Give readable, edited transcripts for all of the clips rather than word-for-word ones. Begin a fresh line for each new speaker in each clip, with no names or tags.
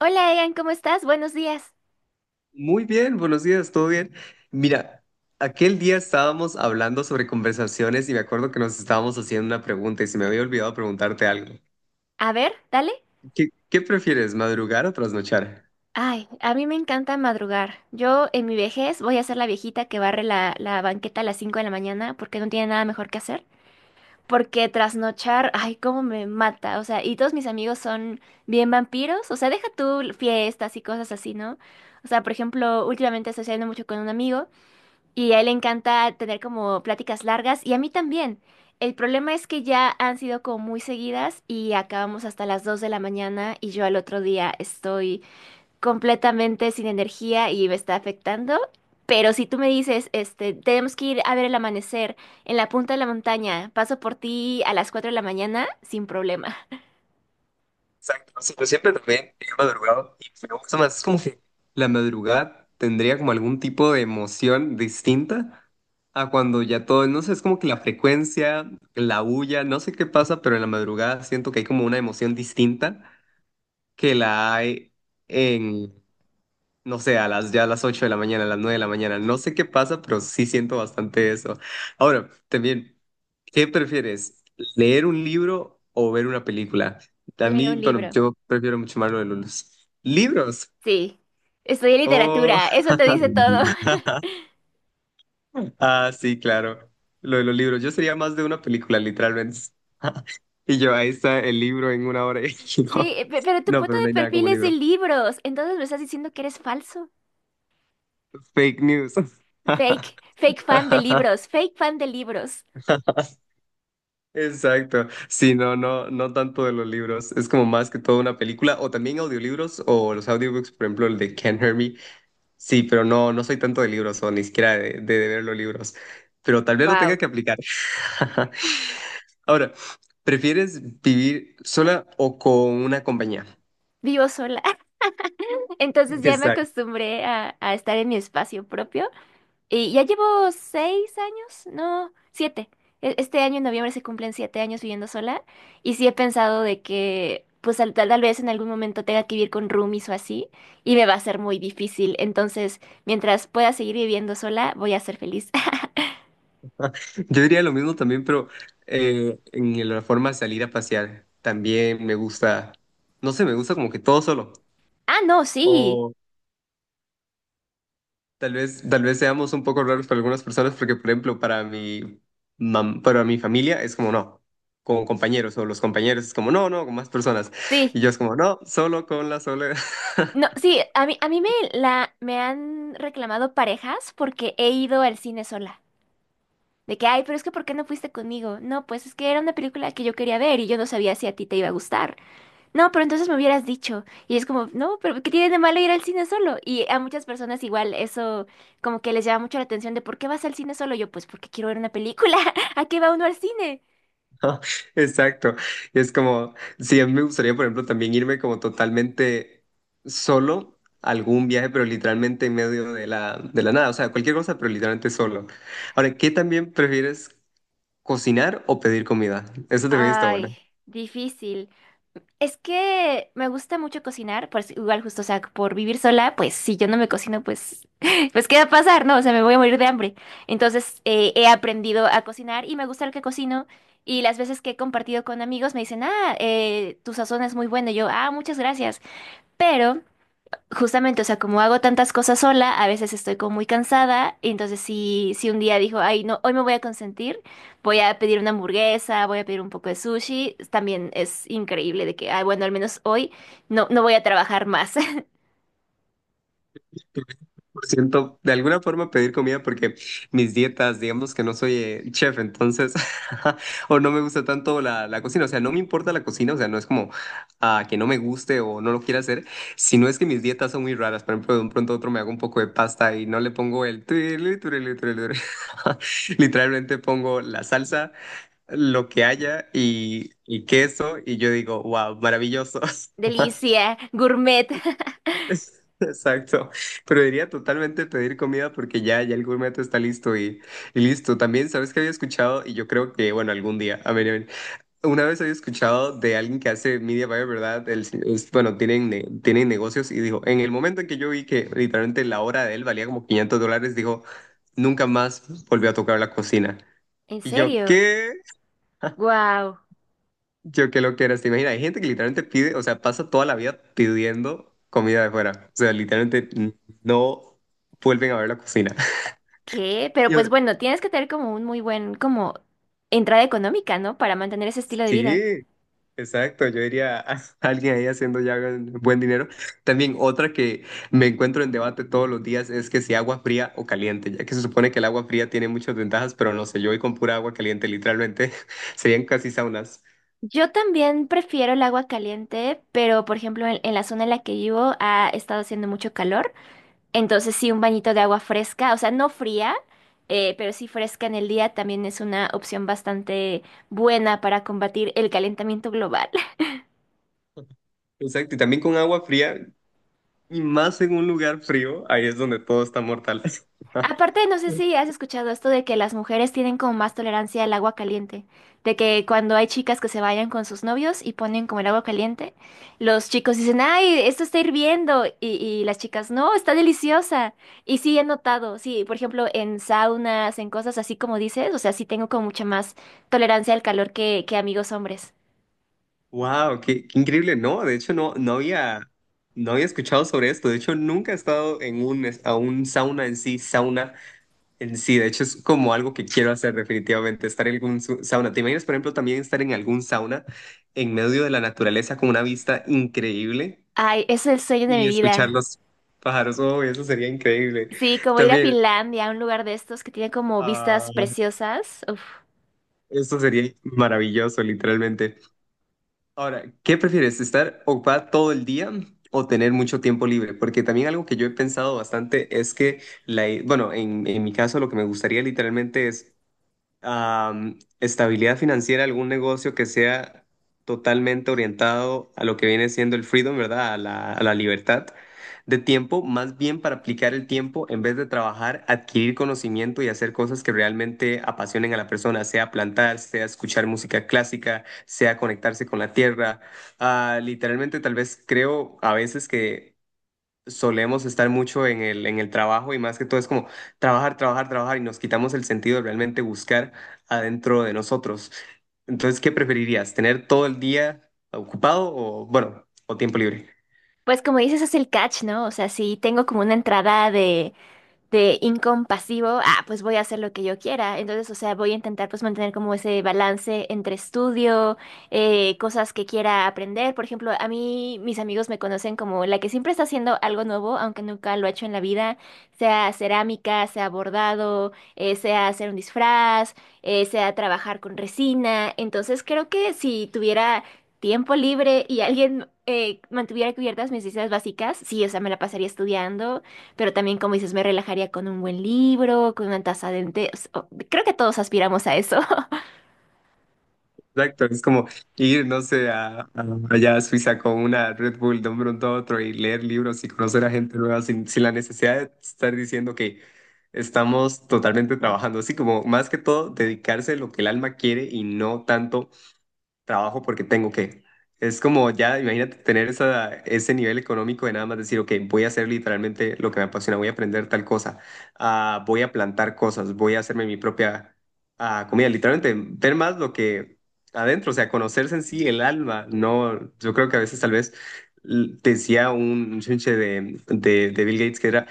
Hola Egan, ¿cómo estás? Buenos días.
Muy bien, buenos días, ¿todo bien? Mira, aquel día estábamos hablando sobre conversaciones y me acuerdo que nos estábamos haciendo una pregunta y se me había olvidado preguntarte algo.
A ver, dale.
¿Qué prefieres, madrugar o trasnochar?
Ay, a mí me encanta madrugar. Yo en mi vejez voy a ser la viejita que barre la banqueta a las 5 de la mañana porque no tiene nada mejor que hacer. Porque trasnochar, ay, cómo me mata. O sea, y todos mis amigos son bien vampiros. O sea, deja tú fiestas y cosas así, ¿no? O sea, por ejemplo, últimamente estoy saliendo mucho con un amigo. Y a él le encanta tener como pláticas largas y a mí también. El problema es que ya han sido como muy seguidas y acabamos hasta las 2 de la mañana y yo al otro día estoy completamente sin energía y me está afectando. Pero si tú me dices, tenemos que ir a ver el amanecer en la punta de la montaña, paso por ti a las 4 de la mañana, sin problema.
Exacto, o sea, yo siempre también he madrugado y me gusta más, es como que la madrugada tendría como algún tipo de emoción distinta a cuando ya todo, no sé, es como que la frecuencia, la bulla, no sé qué pasa, pero en la madrugada siento que hay como una emoción distinta que la hay en... no sé, ya a las 8 de la mañana, a las 9 de la mañana. No sé qué pasa, pero sí siento bastante eso. Ahora, también, ¿qué prefieres? ¿Leer un libro o ver una película? A
Leer
mí,
un
bueno,
libro.
yo prefiero mucho más lo de los libros.
Sí, estudié
Oh,
literatura, eso te dice todo.
ah, sí, claro. Lo de los libros. Yo sería más de una película, literalmente. Y yo, ahí está el libro en una hora.
Sí, pero tu
No,
foto
pero no
de
hay nada
perfil
como
es de
libro.
libros, entonces me estás diciendo que eres falso.
Fake news.
Fake, fake fan de libros.
Exacto. Sí, no, no, no tanto de los libros. Es como más que todo una película o también audiolibros o los audiobooks, por ejemplo, el de Can't Hear Me. Sí, pero no, no soy tanto de libros o ni siquiera de ver los libros. Pero tal vez lo tenga
Wow,
que aplicar. Ahora, ¿prefieres vivir sola o con una compañía?
vivo sola. Entonces ya me
Exacto.
acostumbré a estar en mi espacio propio. Y ya llevo 6 años, no, siete. Este año en noviembre se cumplen 7 años viviendo sola. Y sí he pensado de que, pues tal vez en algún momento tenga que vivir con roomies o así. Y me va a ser muy difícil. Entonces, mientras pueda seguir viviendo sola, voy a ser feliz.
Yo diría lo mismo también, pero en la forma de salir a pasear, también me gusta, no sé, me gusta como que todo solo.
Ah, no, sí.
Tal vez seamos un poco raros para algunas personas, porque, por ejemplo, para mi familia es como no, con compañeros, o los compañeros es como no, no, con más personas.
Sí.
Y yo es como no, solo con la soledad.
No, sí, a mí me han reclamado parejas porque he ido al cine sola. De que, ay, pero es que ¿por qué no fuiste conmigo? No, pues es que era una película que yo quería ver y yo no sabía si a ti te iba a gustar. No, pero entonces me hubieras dicho. Y es como, no, pero ¿qué tiene de malo ir al cine solo? Y a muchas personas igual eso como que les llama mucho la atención de ¿por qué vas al cine solo? Yo, pues porque quiero ver una película. ¿A qué va uno al cine?
Ajá, exacto. Y es como, sí, a mí me gustaría, por ejemplo, también irme como totalmente solo a algún viaje, pero literalmente en medio de la nada. O sea, cualquier cosa, pero literalmente solo. Ahora, ¿qué también prefieres, cocinar o pedir comida? Eso también está
Ay,
bueno.
difícil. Es que me gusta mucho cocinar, por, si- igual justo, o sea, por vivir sola, pues si yo no me cocino, pues, pues ¿qué va a pasar? No, o sea, me voy a morir de hambre. Entonces he aprendido a cocinar y me gusta lo que cocino. Y las veces que he compartido con amigos me dicen, ah, tu sazón es muy buena. Y yo, ah, muchas gracias. Pero justamente, o sea, como hago tantas cosas sola, a veces estoy como muy cansada, y entonces si un día dijo, ay, no, hoy me voy a consentir, voy a pedir una hamburguesa, voy a pedir un poco de sushi, también es increíble de que, ay, bueno, al menos hoy no voy a trabajar más.
Siento de alguna forma pedir comida porque mis dietas, digamos que no soy chef, entonces, o no me gusta tanto la cocina, o sea, no me importa la cocina, o sea, no es como que no me guste o no lo quiera hacer, sino es que mis dietas son muy raras, por ejemplo, de un pronto a otro me hago un poco de pasta y no le pongo tuirulí, tuirulí, tuirulí. Literalmente pongo la salsa, lo que haya y queso y yo digo, wow, maravilloso.
Delicia, gourmet.
Exacto, pero diría totalmente pedir comida porque ya, ya el gourmet está listo y listo. También, ¿sabes qué había escuchado? Y yo creo que, bueno, algún día, a ver, una vez había escuchado de alguien que hace media buyer, ¿verdad? Él sí, bueno, tienen negocios y dijo, en el momento en que yo vi que literalmente la hora de él valía como $500, dijo, nunca más volvió a tocar la cocina.
¿En
Y yo,
serio?
¿qué?
Wow.
Yo que lo que eras, te imaginas, hay gente que literalmente pide, o sea, pasa toda la vida pidiendo comida de fuera. O sea, literalmente no vuelven a ver la cocina.
¿Qué? Pero
Y
pues
ahora,
bueno, tienes que tener como un muy buen, como entrada económica, ¿no? Para mantener ese estilo de vida.
sí, exacto, yo diría a alguien ahí haciendo ya buen dinero. También otra que me encuentro en debate todos los días es que si agua fría o caliente, ya que se supone que el agua fría tiene muchas ventajas, pero no sé, yo voy con pura agua caliente, literalmente serían casi saunas.
Yo también prefiero el agua caliente, pero por ejemplo en la zona en la que vivo ha estado haciendo mucho calor, entonces sí un bañito de agua fresca, o sea, no fría, pero sí fresca en el día también es una opción bastante buena para combatir el calentamiento global.
Exacto, y también con agua fría, y más en un lugar frío, ahí es donde todo está mortal.
Aparte, no sé si has escuchado esto de que las mujeres tienen como más tolerancia al agua caliente, de que cuando hay chicas que se vayan con sus novios y ponen como el agua caliente, los chicos dicen, ay, esto está hirviendo, y las chicas, no, está deliciosa. Y sí, he notado, sí, por ejemplo, en saunas, en cosas así como dices, o sea, sí tengo como mucha más tolerancia al calor que amigos hombres.
Wow, qué increíble. No, de hecho no había escuchado sobre esto. De hecho, nunca he estado a un sauna en sí. De hecho, es como algo que quiero hacer definitivamente, estar en algún sauna. ¿Te imaginas, por ejemplo, también estar en algún sauna en medio de la naturaleza con una vista increíble
Ay, es el sueño de mi
y escuchar
vida.
los pájaros? Oh, eso sería increíble.
Sí, como ir a
También,
Finlandia, a un lugar de estos que tiene como vistas
ah,
preciosas. Uf.
esto sería maravilloso, literalmente. Ahora, ¿qué prefieres? ¿Estar ocupada todo el día o tener mucho tiempo libre? Porque también algo que yo he pensado bastante es que, bueno, en mi caso lo que me gustaría literalmente es estabilidad financiera, algún negocio que sea totalmente orientado a lo que viene siendo el freedom, ¿verdad? A la libertad de tiempo, más bien para aplicar el tiempo en vez de trabajar, adquirir conocimiento y hacer cosas que realmente apasionen a la persona, sea plantar, sea escuchar música clásica, sea conectarse con la tierra. Ah, literalmente, tal vez creo a veces que solemos estar mucho en el trabajo y más que todo es como trabajar, trabajar, trabajar y nos quitamos el sentido de realmente buscar adentro de nosotros. Entonces, ¿qué preferirías? ¿Tener todo el día ocupado o, bueno, o tiempo libre?
Pues como dices, es el catch, ¿no? O sea, sí tengo como una entrada de incompasivo, ah, pues voy a hacer lo que yo quiera. Entonces, o sea, voy a intentar pues mantener como ese balance entre estudio, cosas que quiera aprender. Por ejemplo, a mí mis amigos me conocen como la que siempre está haciendo algo nuevo, aunque nunca lo ha hecho en la vida, sea cerámica, sea bordado, sea hacer un disfraz, sea trabajar con resina. Entonces, creo que si tuviera tiempo libre y alguien... mantuviera cubiertas mis necesidades básicas, sí, o sea, me la pasaría estudiando, pero también, como dices, me relajaría con un buen libro, con una taza de té. Creo que todos aspiramos a eso.
Exacto, es como ir, no sé, allá a Suiza con una Red Bull de un pronto a otro y leer libros y conocer a gente nueva sin la necesidad de estar diciendo que estamos totalmente trabajando, así como más que todo dedicarse a lo que el alma quiere y no tanto trabajo porque tengo que. Es como ya, imagínate tener ese nivel económico de nada más decir, ok, voy a hacer literalmente lo que me apasiona, voy a aprender tal cosa, ah, voy a plantar cosas, voy a hacerme mi propia comida, literalmente ver más lo que adentro, o sea, conocerse en sí el alma, no, yo creo que a veces tal vez decía un chinche de Bill Gates que era,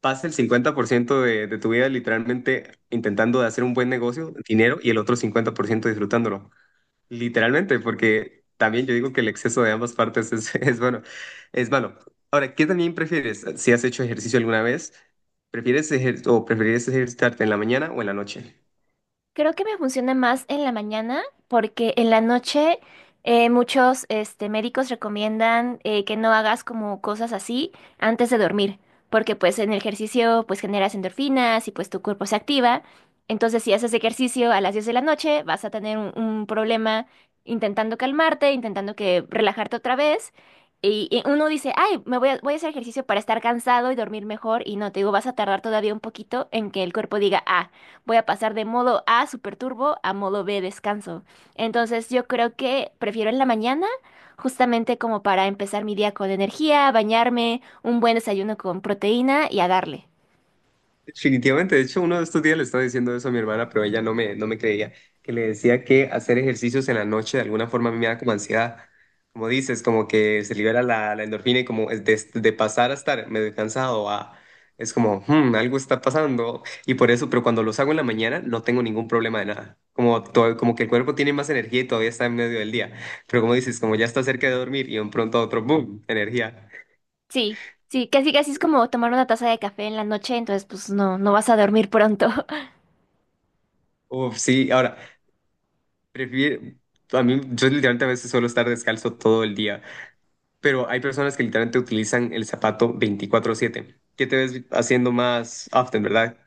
pasa el 50% de tu vida literalmente intentando de hacer un buen negocio, dinero, y el otro 50% disfrutándolo. Literalmente, porque también yo digo que el exceso de ambas partes es, es bueno, es malo. Ahora, ¿qué también prefieres? Si has hecho ejercicio alguna vez, ¿prefieres o preferirías ejercitarte en la mañana o en la noche?
Creo que me funciona más en la mañana porque en la noche médicos recomiendan que no hagas como cosas así antes de dormir, porque pues en el ejercicio pues generas endorfinas y pues tu cuerpo se activa. Entonces si haces ejercicio a las 10 de la noche vas a tener un problema intentando calmarte, intentando que relajarte otra vez. Y uno dice, ay, voy a hacer ejercicio para estar cansado y dormir mejor. Y no, te digo, vas a tardar todavía un poquito en que el cuerpo diga, ah, voy a pasar de modo A super turbo a modo B descanso. Entonces yo creo que prefiero en la mañana, justamente como para empezar mi día con energía, bañarme, un buen desayuno con proteína y a darle.
Definitivamente, de hecho, uno de estos días le estaba diciendo eso a mi hermana, pero ella no me creía, que le decía que hacer ejercicios en la noche de alguna forma a mí me da como ansiedad, como dices, como que se libera la endorfina y como es de pasar a estar medio cansado es como, "Hmm, algo está pasando", y por eso, pero cuando los hago en la mañana no tengo ningún problema de nada, como que el cuerpo tiene más energía y todavía está en medio del día, pero como dices, como ya está cerca de dormir y de un pronto a otro, ¡boom!, energía.
Sí, sí, casi casi es como tomar una taza de café en la noche, entonces pues no, no vas a dormir pronto.
Uf, sí, ahora. Prefiero, a mí, yo literalmente a veces suelo estar descalzo todo el día, pero hay personas que literalmente utilizan el zapato 24/7. ¿Qué te ves haciendo más often, verdad?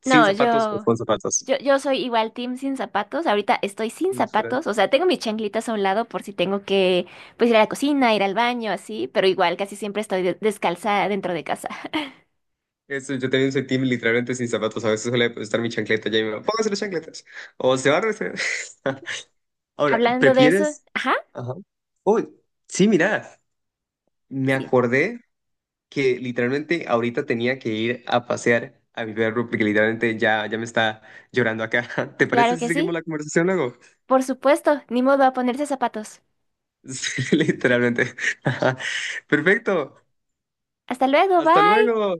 ¿Sin
No,
zapatos o con zapatos?
yo soy igual team sin zapatos. Ahorita estoy sin
Literal.
zapatos, o sea, tengo mis chanclitas a un lado por si tengo que, pues, ir a la cocina, ir al baño, así, pero igual casi siempre estoy descalza dentro de casa.
Eso, yo también soy team literalmente sin zapatos. A veces suele estar mi chancleta ya y me va, póngase las chancletas. O se va a resfriar. Ahora,
Hablando de eso,
¿prefieres?
ajá,
Ajá. Uy, sí, mira, me
sí,
acordé que literalmente ahorita tenía que ir a pasear a mi perro porque literalmente ya me está llorando acá. ¿Te parece
claro
si
que
seguimos
sí.
la conversación luego?
Por supuesto, ni modo a ponerse zapatos.
Sí, literalmente. Perfecto.
Hasta luego,
Hasta
bye.
luego.